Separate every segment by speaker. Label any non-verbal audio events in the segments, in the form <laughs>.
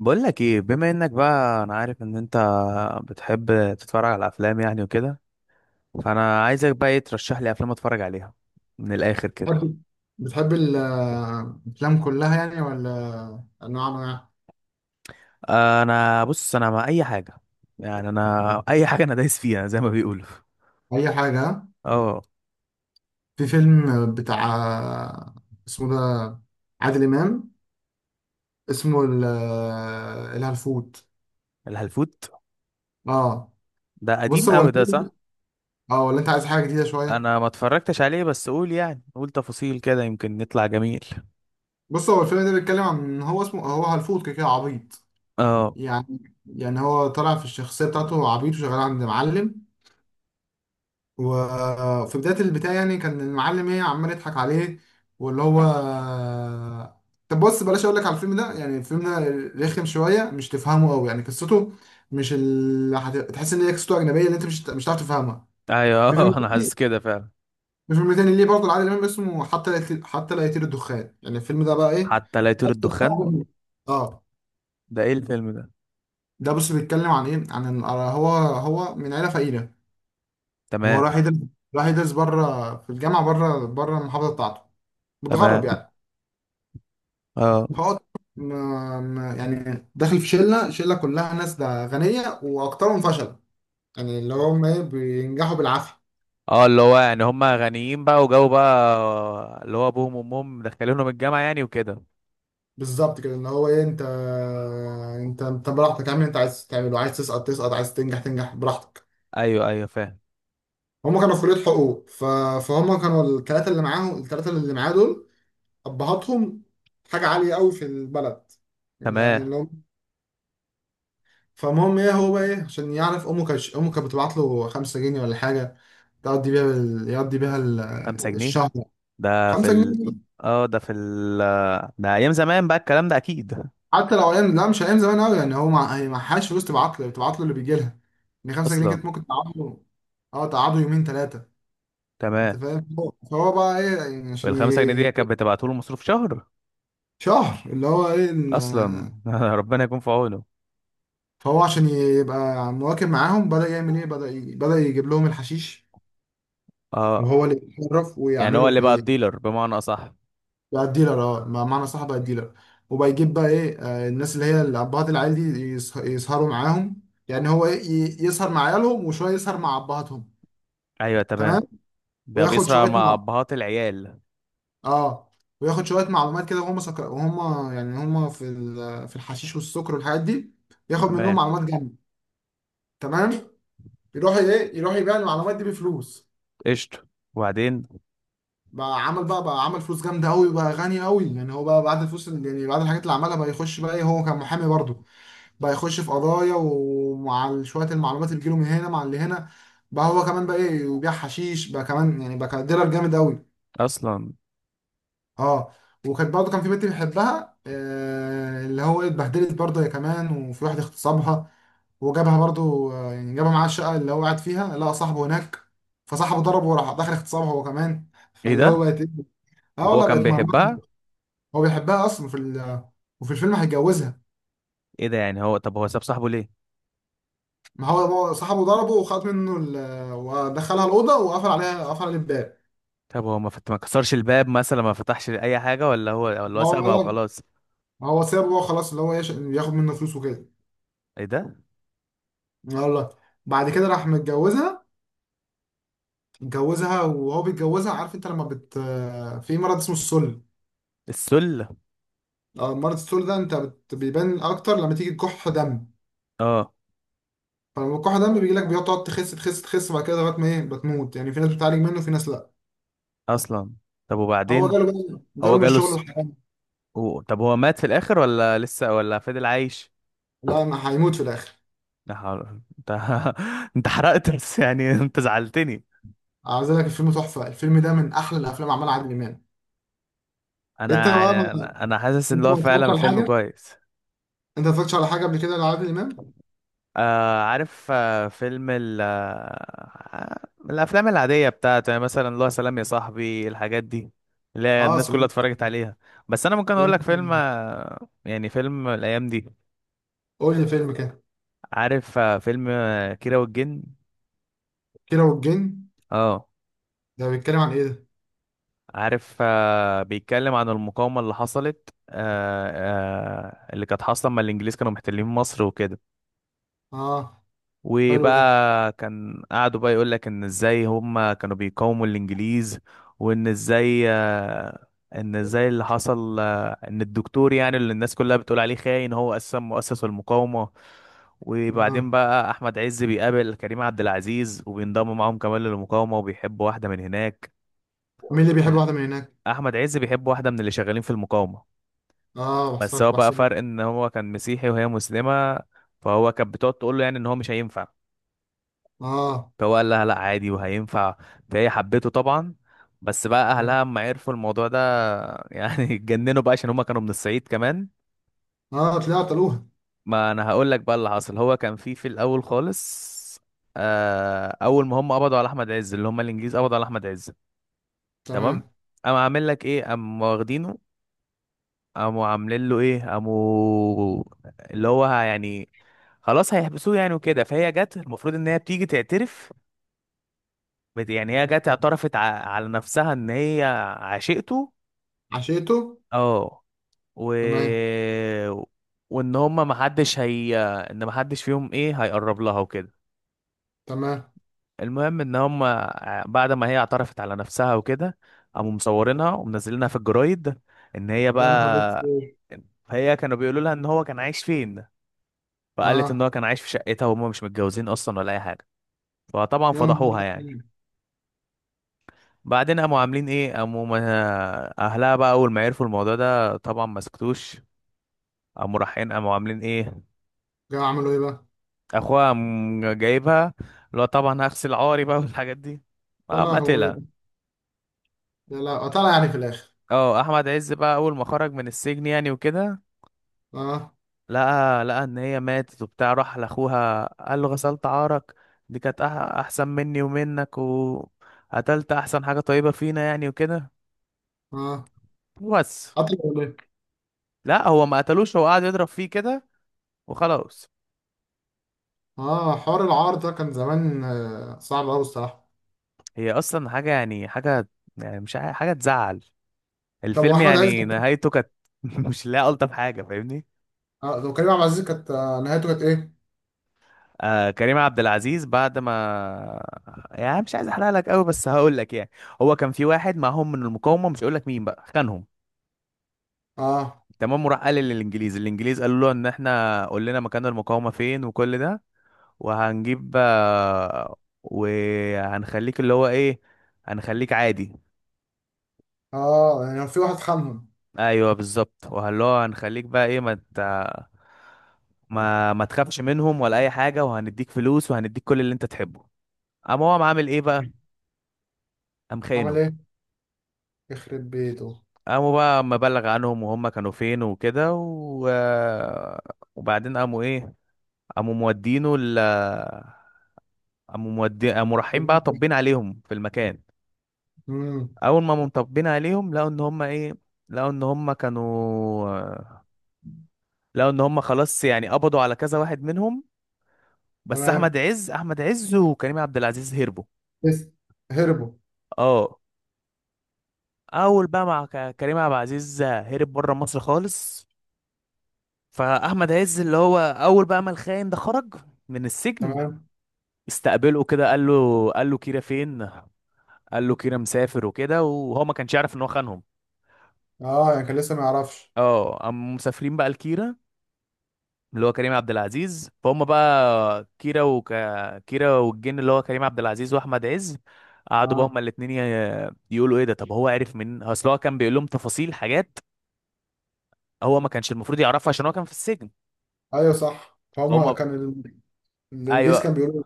Speaker 1: بقول لك ايه، بما انك بقى انا عارف ان انت بتحب تتفرج على افلام يعني وكده. فانا عايزك بقى ايه ترشح لي افلام اتفرج عليها من الاخر كده.
Speaker 2: بتحب بتحب الأفلام كلها يعني، ولا أنواع أنواع؟
Speaker 1: انا بص، انا مع اي حاجه، يعني انا اي حاجه انا دايس فيها زي ما بيقولوا.
Speaker 2: أي حاجة.
Speaker 1: اه.
Speaker 2: في فيلم بتاع، اسمه ده، عادل إمام، اسمه الهلفوت.
Speaker 1: الهلفوت؟
Speaker 2: اه.
Speaker 1: ده قديم
Speaker 2: بص، هو
Speaker 1: قوي ده، صح؟
Speaker 2: الفيلم اه ولا أنت عايز حاجة جديدة شوية؟
Speaker 1: انا ما اتفرجتش عليه، بس قول يعني، قول تفاصيل كده يمكن نطلع جميل.
Speaker 2: بص، هو الفيلم ده بيتكلم عن، هو اسمه، هو هلفوت كده كده، عبيط.
Speaker 1: اه.
Speaker 2: يعني هو طالع في الشخصية بتاعته عبيط، وشغال عند معلم. وفي بداية البتاع يعني، كان المعلم ايه، عمال يضحك عليه. واللي هو طب بص، بلاش اقول لك على الفيلم ده، يعني الفيلم ده رخم شوية، مش تفهمه قوي يعني قصته. مش تحس ان هي قصته اجنبية، اللي انت مش هتعرف تفهمها. في فيلم
Speaker 1: ايوه <laughs> انا
Speaker 2: تاني
Speaker 1: حاسس كده فعلا.
Speaker 2: في فيلم تاني ليه برضه لعادل امام، اسمه حتى لا يطير الدخان. يعني الفيلم ده بقى ايه،
Speaker 1: حتى لا يطير
Speaker 2: ده
Speaker 1: الدخان؟
Speaker 2: بتفهمه. اه.
Speaker 1: ده ايه الفيلم ده؟
Speaker 2: ده بص، بيتكلم عن ايه، عن هو من عيلة فقيرة. هو
Speaker 1: تمام.
Speaker 2: راح يدرس بره في الجامعة، بره المحافظة بتاعته. متغرب
Speaker 1: تمام.
Speaker 2: يعني.
Speaker 1: اه.
Speaker 2: فقلت ما يعني، داخل في شله كلها ناس ده غنيه، واكترهم فشل. يعني اللي هم ايه، بينجحوا بالعافيه.
Speaker 1: اه اللي هو يعني هم غنيين بقى، وجو بقى اللي هو ابوهم وامهم مدخلينهم الجامعه يعني وكده.
Speaker 2: بالظبط كده، اللي هو ايه، انت براحتك، اعمل اللي انت عايز تعمله. عايز تسقط تسقط، عايز تنجح تنجح، براحتك.
Speaker 1: ايوه ايوه، فاهم.
Speaker 2: هم كانوا في كليه حقوق. فهم كانوا الثلاثه اللي معاه دول، ابهاتهم حاجه عاليه قوي في البلد، يعني
Speaker 1: تمام.
Speaker 2: اللي هم. فالمهم ايه، هو بقى ايه، عشان يعرف، امه كانت بتبعت له 5 جنيه ولا حاجه، تقضي بيها ال... يقضي بيها ال...
Speaker 1: 5 جنيه؟
Speaker 2: الشهر.
Speaker 1: ده في
Speaker 2: 5
Speaker 1: ال...
Speaker 2: جنيه
Speaker 1: اه ده في ال... ده ايام زمان بقى الكلام ده اكيد.
Speaker 2: حتى لو ايام، لا مش ايام زمان قوي، يعني هي معهاش فلوس، تبعت له بتبعت له اللي بيجي لها. يعني 5 جنيه كانت
Speaker 1: اصلا.
Speaker 2: ممكن تقعد له. اه، تقعده يومين ثلاثه.
Speaker 1: تمام.
Speaker 2: انت فاهم؟ فهو بقى ايه يعني، عشان
Speaker 1: وال5 جنيه دي كانت بتبعته له مصروف شهر؟
Speaker 2: شهر، اللي هو ايه
Speaker 1: اصلا <laughs> ربنا يكون في عونه.
Speaker 2: فهو عشان يبقى مواكب معاهم، بدأ يعمل ايه، بدأ يجيب لهم الحشيش.
Speaker 1: اه.
Speaker 2: وهو اللي يتصرف
Speaker 1: يعني هو
Speaker 2: ويعمله
Speaker 1: اللي بقى
Speaker 2: في.
Speaker 1: الديلر بمعنى اصح.
Speaker 2: بقى الديلر. اه، معنى صح، بقى الديلر. وبقى يجيب بقى ايه، الناس اللي هي ابهات العيال دي، يسهروا معاهم. يعني هو ايه، يسهر مع عيالهم، وشويه يسهر مع ابهاتهم.
Speaker 1: ايوه
Speaker 2: تمام.
Speaker 1: تمام. بقى
Speaker 2: وياخد
Speaker 1: بيسرع
Speaker 2: شويه
Speaker 1: مع
Speaker 2: مع
Speaker 1: ابهات العيال.
Speaker 2: اه وياخد شويه معلومات كده، وهم سكر وهم، يعني هم في في الحشيش والسكر والحاجات دي. ياخد منهم
Speaker 1: تمام.
Speaker 2: معلومات جامده. تمام. يروح ايه، يروح يبيع المعلومات دي بفلوس.
Speaker 1: قشطه. وبعدين؟
Speaker 2: بقى عمل بقى بقى عمل فلوس جامده قوي، بقى غني قوي يعني. هو بقى بعد الفلوس يعني بعد الحاجات اللي عملها، بقى يخش بقى ايه، هو كان محامي برضه. بقى يخش في قضايا، ومع شوية المعلومات اللي بتجيله من هنا مع اللي هنا، بقى هو كمان بقى ايه وبيع حشيش بقى كمان يعني، بقى كان ديلر جامد قوي.
Speaker 1: اصلا.
Speaker 2: اه. وكانت برضه كان في بنت بيحبها، اللي هو إيه، اتبهدلت برضه هي كمان، وفي واحد اغتصبها. وجابها برضه، يعني جابها معاه الشقة اللي هو قاعد فيها، لقى صاحبه هناك. فصاحبه ضربه، وراح داخل اغتصبها هو كمان.
Speaker 1: ايه
Speaker 2: فاللي هو
Speaker 1: ده!
Speaker 2: بقت إيه؟ اه
Speaker 1: وهو
Speaker 2: والله،
Speaker 1: كان
Speaker 2: بقت مرمطة.
Speaker 1: بيحبها؟
Speaker 2: هو بيحبها اصلا وفي الفيلم هيتجوزها.
Speaker 1: ايه ده! يعني هو، طب هو ساب صاحبه ليه؟
Speaker 2: ما هو صاحبه ضربه، وخد منه ودخلها الأوضة، وقفل عليها قفل عليه الباب.
Speaker 1: طب هو ما كسرش الباب مثلا، ما فتحش اي حاجه؟ ولا هو
Speaker 2: ما هو
Speaker 1: سابها
Speaker 2: قال-
Speaker 1: وخلاص.
Speaker 2: ما هو سابه بقى خلاص، اللي هو ياخد منه فلوس وكده.
Speaker 1: ايه ده!
Speaker 2: والله، بعد كده راح متجوزها. اتجوزها، وهو بيتجوزها، عارف انت لما في مرض اسمه السل.
Speaker 1: السله؟
Speaker 2: آه، مرض السل ده، انت بيبان اكتر لما تيجي كح دم.
Speaker 1: اه.
Speaker 2: فلما كح دم بيجي لك، تقعد تخس تخس تخس، وبعد كده لغايه ما ايه بتموت يعني. في ناس بتعالج منه وفي ناس لا.
Speaker 1: اصلا. طب
Speaker 2: هو
Speaker 1: وبعدين؟ هو
Speaker 2: جاله من
Speaker 1: جاله
Speaker 2: الشغل
Speaker 1: الس...
Speaker 2: الحرام.
Speaker 1: و... طب هو مات في الاخر، ولا لسه، ولا فضل عايش؟
Speaker 2: لا، انا هيموت في الاخر.
Speaker 1: لا حول- انت <laughs> انت حرقت بس يعني <laughs> انت زعلتني.
Speaker 2: عايز أقول لك، الفيلم تحفه، الفيلم ده من احلى الافلام عملها عادل امام. انت
Speaker 1: انا
Speaker 2: بقى
Speaker 1: انا
Speaker 2: ما
Speaker 1: انا أنا حاسس
Speaker 2: انت
Speaker 1: ان
Speaker 2: ما
Speaker 1: هو
Speaker 2: اتفرجتش
Speaker 1: فعلا
Speaker 2: على
Speaker 1: فيلم
Speaker 2: حاجه
Speaker 1: كويس.
Speaker 2: انت ما اتفرجتش على حاجه قبل كده لعادل امام.
Speaker 1: آه عارف، آه فيلم ال آه الافلام العاديه بتاعته، يعني مثلا الله، سلام يا صاحبي، الحاجات دي اللي هي
Speaker 2: اه.
Speaker 1: الناس كلها
Speaker 2: سلام،
Speaker 1: اتفرجت عليها. بس انا ممكن اقول لك
Speaker 2: سلام.
Speaker 1: فيلم، آه، يعني فيلم الايام دي.
Speaker 2: قول لي فيلم كده.
Speaker 1: عارف آه فيلم، آه، كيرة والجن.
Speaker 2: كيرة والجن.
Speaker 1: اه
Speaker 2: ده بيتكلم عن ايه ده؟
Speaker 1: عارف، آه بيتكلم عن المقاومه اللي حصلت، آه، آه اللي كانت حاصله لما الانجليز كانوا محتلين مصر وكده.
Speaker 2: اه، حلو ده.
Speaker 1: وبقى كان قعدوا بقى يقول لك ان ازاي هم كانوا بيقاوموا الانجليز، وان ازاي، ان ازاي اللي حصل، ان الدكتور يعني اللي الناس كلها بتقول عليه خاين هو اساسا مؤسس المقاومة.
Speaker 2: اه،
Speaker 1: وبعدين بقى احمد عز بيقابل كريم عبد العزيز، وبينضم معاهم كمان للمقاومة، وبيحب واحدة من هناك.
Speaker 2: مين اللي بيحب واحده من هناك؟
Speaker 1: احمد عز بيحب واحدة من اللي شغالين في المقاومة.
Speaker 2: اه،
Speaker 1: بس
Speaker 2: بحسك
Speaker 1: هو بقى
Speaker 2: بحسك.
Speaker 1: فرق ان هو كان مسيحي وهي مسلمة. فهو كانت بتقعد تقول له يعني ان هو مش هينفع.
Speaker 2: اه،
Speaker 1: فهو قال لها لا، عادي وهينفع. فهي حبته طبعا. بس بقى
Speaker 2: اه،
Speaker 1: اهلها اما عرفوا الموضوع ده <laughs> يعني اتجننوا بقى، عشان هما كانوا من الصعيد كمان.
Speaker 2: اه، طلعت قالوها.
Speaker 1: ما انا هقول لك بقى اللي حصل. هو كان في الاول خالص، آه اول ما هم قبضوا على احمد عز، اللي هم الانجليز قبضوا على احمد عز.
Speaker 2: تمام.
Speaker 1: تمام. قاموا عامل لك ايه، قاموا واخدينه. قاموا عاملين له ايه، قاموا اللي هو يعني خلاص هيحبسوه يعني وكده. فهي جت المفروض ان هي بتيجي تعترف، يعني هي جت اعترفت على نفسها ان هي عشقته.
Speaker 2: عشيته.
Speaker 1: اه. و...
Speaker 2: تمام،
Speaker 1: وان هما محدش هي، ان محدش فيهم ايه هيقرب لها وكده.
Speaker 2: تمام.
Speaker 1: المهم ان هما بعد ما هي اعترفت على نفسها وكده، قاموا مصورينها ومنزلينها في الجرايد ان هي
Speaker 2: يا نهار
Speaker 1: بقى.
Speaker 2: اسود.
Speaker 1: فهي كانوا بيقولوا لها ان هو كان عايش فين. فقالت ان
Speaker 2: اه.
Speaker 1: هو كان عايش في شقتها، وهما مش متجوزين اصلا ولا اي حاجه. فطبعا
Speaker 2: يا نهار
Speaker 1: فضحوها يعني.
Speaker 2: اسود.
Speaker 1: بعدين قاموا عاملين ايه، قاموا ما- اهلها بقى اول ما عرفوا الموضوع ده طبعا ما سكتوش. قاموا رايحين، قاموا عاملين ايه،
Speaker 2: جا عملوا ايه بقى؟
Speaker 1: اخوها قام جايبها، اللي هو طبعا هغسل عاري بقى <laughs> والحاجات دي، قام
Speaker 2: طلع
Speaker 1: قتلها.
Speaker 2: هو. لا، لا، طلع يعني في الاخر.
Speaker 1: اه احمد عز بقى اول ما خرج من السجن يعني وكده،
Speaker 2: اه،
Speaker 1: لقى ان هي ماتت وبتاع. راح لاخوها قال له غسلت عارك، دي كانت احسن مني ومنك، وقتلت احسن حاجة طيبة فينا يعني وكده.
Speaker 2: اه.
Speaker 1: بس.
Speaker 2: قتل.
Speaker 1: لا هو ما قتلوش، هو قعد يضرب فيه كده وخلاص.
Speaker 2: اه، حوار العار ده كان زمان، صعب قوي الصراحه.
Speaker 1: هي اصلا حاجه يعني حاجه، يعني مش عا- حاجه تزعل.
Speaker 2: طب
Speaker 1: الفيلم
Speaker 2: واحمد عز؟
Speaker 1: يعني نهايته كانت <laughs> مش لا الطف حاجه، فاهمني.
Speaker 2: آه، وكريم عبد العزيز كانت نهايته كانت ايه؟
Speaker 1: آه كريم عبد العزيز بعد ما، يعني مش عايز احرق لك قوي بس هقول لك يعني. هو كان في واحد معاهم من المقاومه، مش هقول لك مين بقى، خانهم.
Speaker 2: اه.
Speaker 1: تمام. وراح قال للانجليز، الانجليز قالوا له ان احنا قلنا مكان المقاومه فين وكل ده، وهنجيب، وهنخليك اللي هو ايه، هنخليك عادي.
Speaker 2: اه، يعني في واحد خانهم.
Speaker 1: ايوه بالظبط. وهل هو، هنخليك بقى ايه ما انت، ما تخافش منهم ولا اي حاجه، وهنديك فلوس وهنديك كل اللي انت تحبه. قام هو قام عامل ايه بقى، قام
Speaker 2: عمل
Speaker 1: خاينه.
Speaker 2: ايه؟ يخرب بيته.
Speaker 1: قاموا بقى مبلغ عنهم وهم كانوا فين وكده، و... وبعدين قاموا ايه، قاموا مودينه ال... قاموا مودي، قاموا رايحين بقى طبين عليهم في المكان.
Speaker 2: امم.
Speaker 1: اول ما هم طبين عليهم لقوا ان هم ايه، لقوا ان هم كانوا، لقوا ان هم خلاص يعني قبضوا على كذا واحد منهم. بس احمد
Speaker 2: تمام.
Speaker 1: عز احمد عز وكريم عبد العزيز هربوا.
Speaker 2: لسه. هربوا.
Speaker 1: اه. اول بقى مع كريم عبد العزيز هرب بره مصر خالص. فاحمد عز اللي هو اول بقى ما الخاين ده خرج من السجن،
Speaker 2: تمام.
Speaker 1: استقبله كده، قال له، قال له كيرة فين. قال له كيرة مسافر وكده، وهو ما كانش يعرف ان هو خانهم.
Speaker 2: اه، يعني كان لسه ما يعرفش.
Speaker 1: اه. قاموا مسافرين بقى لكيرة، اللي هو كريم عبد العزيز. فهم بقى كيرة كيرة والجن، اللي هو كريم عبد العزيز واحمد عز. قعدوا بقى
Speaker 2: اه،
Speaker 1: هما الاتنين يقولوا ايه ده، طب هو عرف من اصل، هو كان بيقول لهم تفاصيل حاجات هو ما كانش المفروض يعرفها عشان هو كان في السجن.
Speaker 2: ايوه صح، فهم
Speaker 1: هما.
Speaker 2: كان الانجليز
Speaker 1: ايوه.
Speaker 2: كان بيقولوا.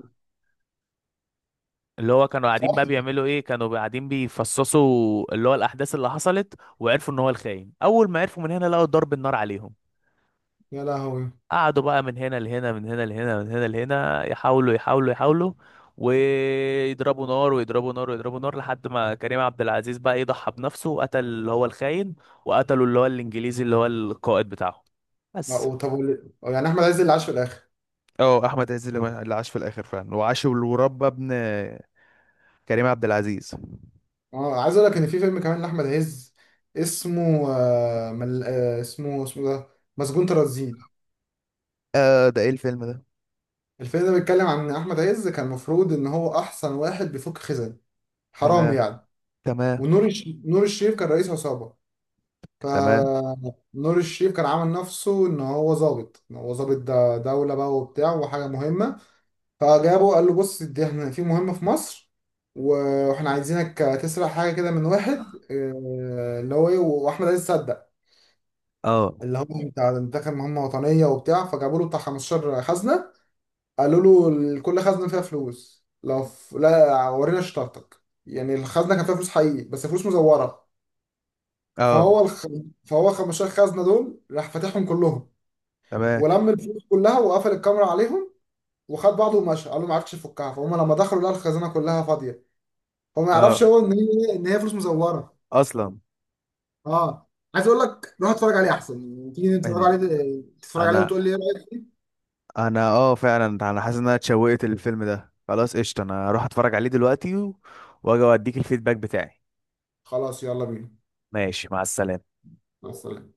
Speaker 1: اللي هو كانوا قاعدين
Speaker 2: صح.
Speaker 1: بقى بيعملوا ايه، كانوا قاعدين بيفصصوا اللي هو الاحداث اللي حصلت، وعرفوا ان هو الخاين. اول ما عرفوا من هنا لقوا ضرب النار عليهم.
Speaker 2: يا لهوي.
Speaker 1: قعدوا بقى من هنا لهنا، من هنا لهنا، من هنا لهنا، يحاولوا يحاولوا يحاولوا، ويضربوا نار ويضربوا نار ويضربوا نار، لحد ما كريم عبد العزيز بقى يضحى بنفسه، وقتل اللي هو الخاين، وقتلوا اللي هو الانجليزي اللي هو القائد بتاعه. بس.
Speaker 2: لا، طب يعني احمد عز اللي عاش في الاخر؟
Speaker 1: اه احمد عز اللي عاش في الاخر فعلا، وعاش وربى ابن كريم عبد العزيز.
Speaker 2: اه، عايز اقول لك ان في فيلم كمان لاحمد عز، اسمه آه مل... آه اسمه ده، مسجون ترانزيت.
Speaker 1: اه. ده ايه الفيلم ده؟
Speaker 2: الفيلم ده بيتكلم عن ان احمد عز كان المفروض ان هو احسن واحد بيفك خزن. حرام
Speaker 1: تمام.
Speaker 2: يعني.
Speaker 1: تمام.
Speaker 2: ونور الش... نور الشريف كان رئيس عصابه. ف
Speaker 1: تمام.
Speaker 2: نور الشريف كان عامل نفسه ان هو ظابط، ده دوله بقى وبتاع وحاجه مهمه. فجابه، قال له بص، دي احنا في مهمه في مصر، واحنا عايزينك تسرق حاجه كده من واحد، اللي هو ايه، واحمد عز صدق.
Speaker 1: اه.
Speaker 2: اللي هم بتاع دخل مهمة وطنية وبتاع، فجابوا له بتاع 15 خزنة. قالوا له، كل خزنة فيها فلوس، لا ورينا شطارتك يعني. الخزنة كان فيها فلوس حقيقي بس فلوس مزورة.
Speaker 1: اه.
Speaker 2: فهو الخ... فهو 15 خزنة دول راح فاتحهم كلهم.
Speaker 1: تمام.
Speaker 2: ولم الفلوس كلها وقفل الكاميرا عليهم، وخد بعضه ومشى. قال له ما عرفتش يفكها، فهم لما دخلوا لقوا الخزنة كلها فاضية. هو ما يعرفش
Speaker 1: اه.
Speaker 2: هو ان هي فلوس مزورة.
Speaker 1: اصلا.
Speaker 2: اه. عايز اقول لك، روح اتفرج عليه احسن، تيجي نتفرج
Speaker 1: إن-
Speaker 2: عليه، تتفرج عليه
Speaker 1: انا،
Speaker 2: وتقول لي ايه رأيك.
Speaker 1: انا اه فعلا انا حاسس ان انا اتشوقت للفيلم ده، خلاص قشطة، انا هروح اتفرج عليه دلوقتي و... واجي اديك الفيدباك بتاعي.
Speaker 2: خلاص، يلا بينا.
Speaker 1: ماشي، مع السلامة.
Speaker 2: مع السلامة.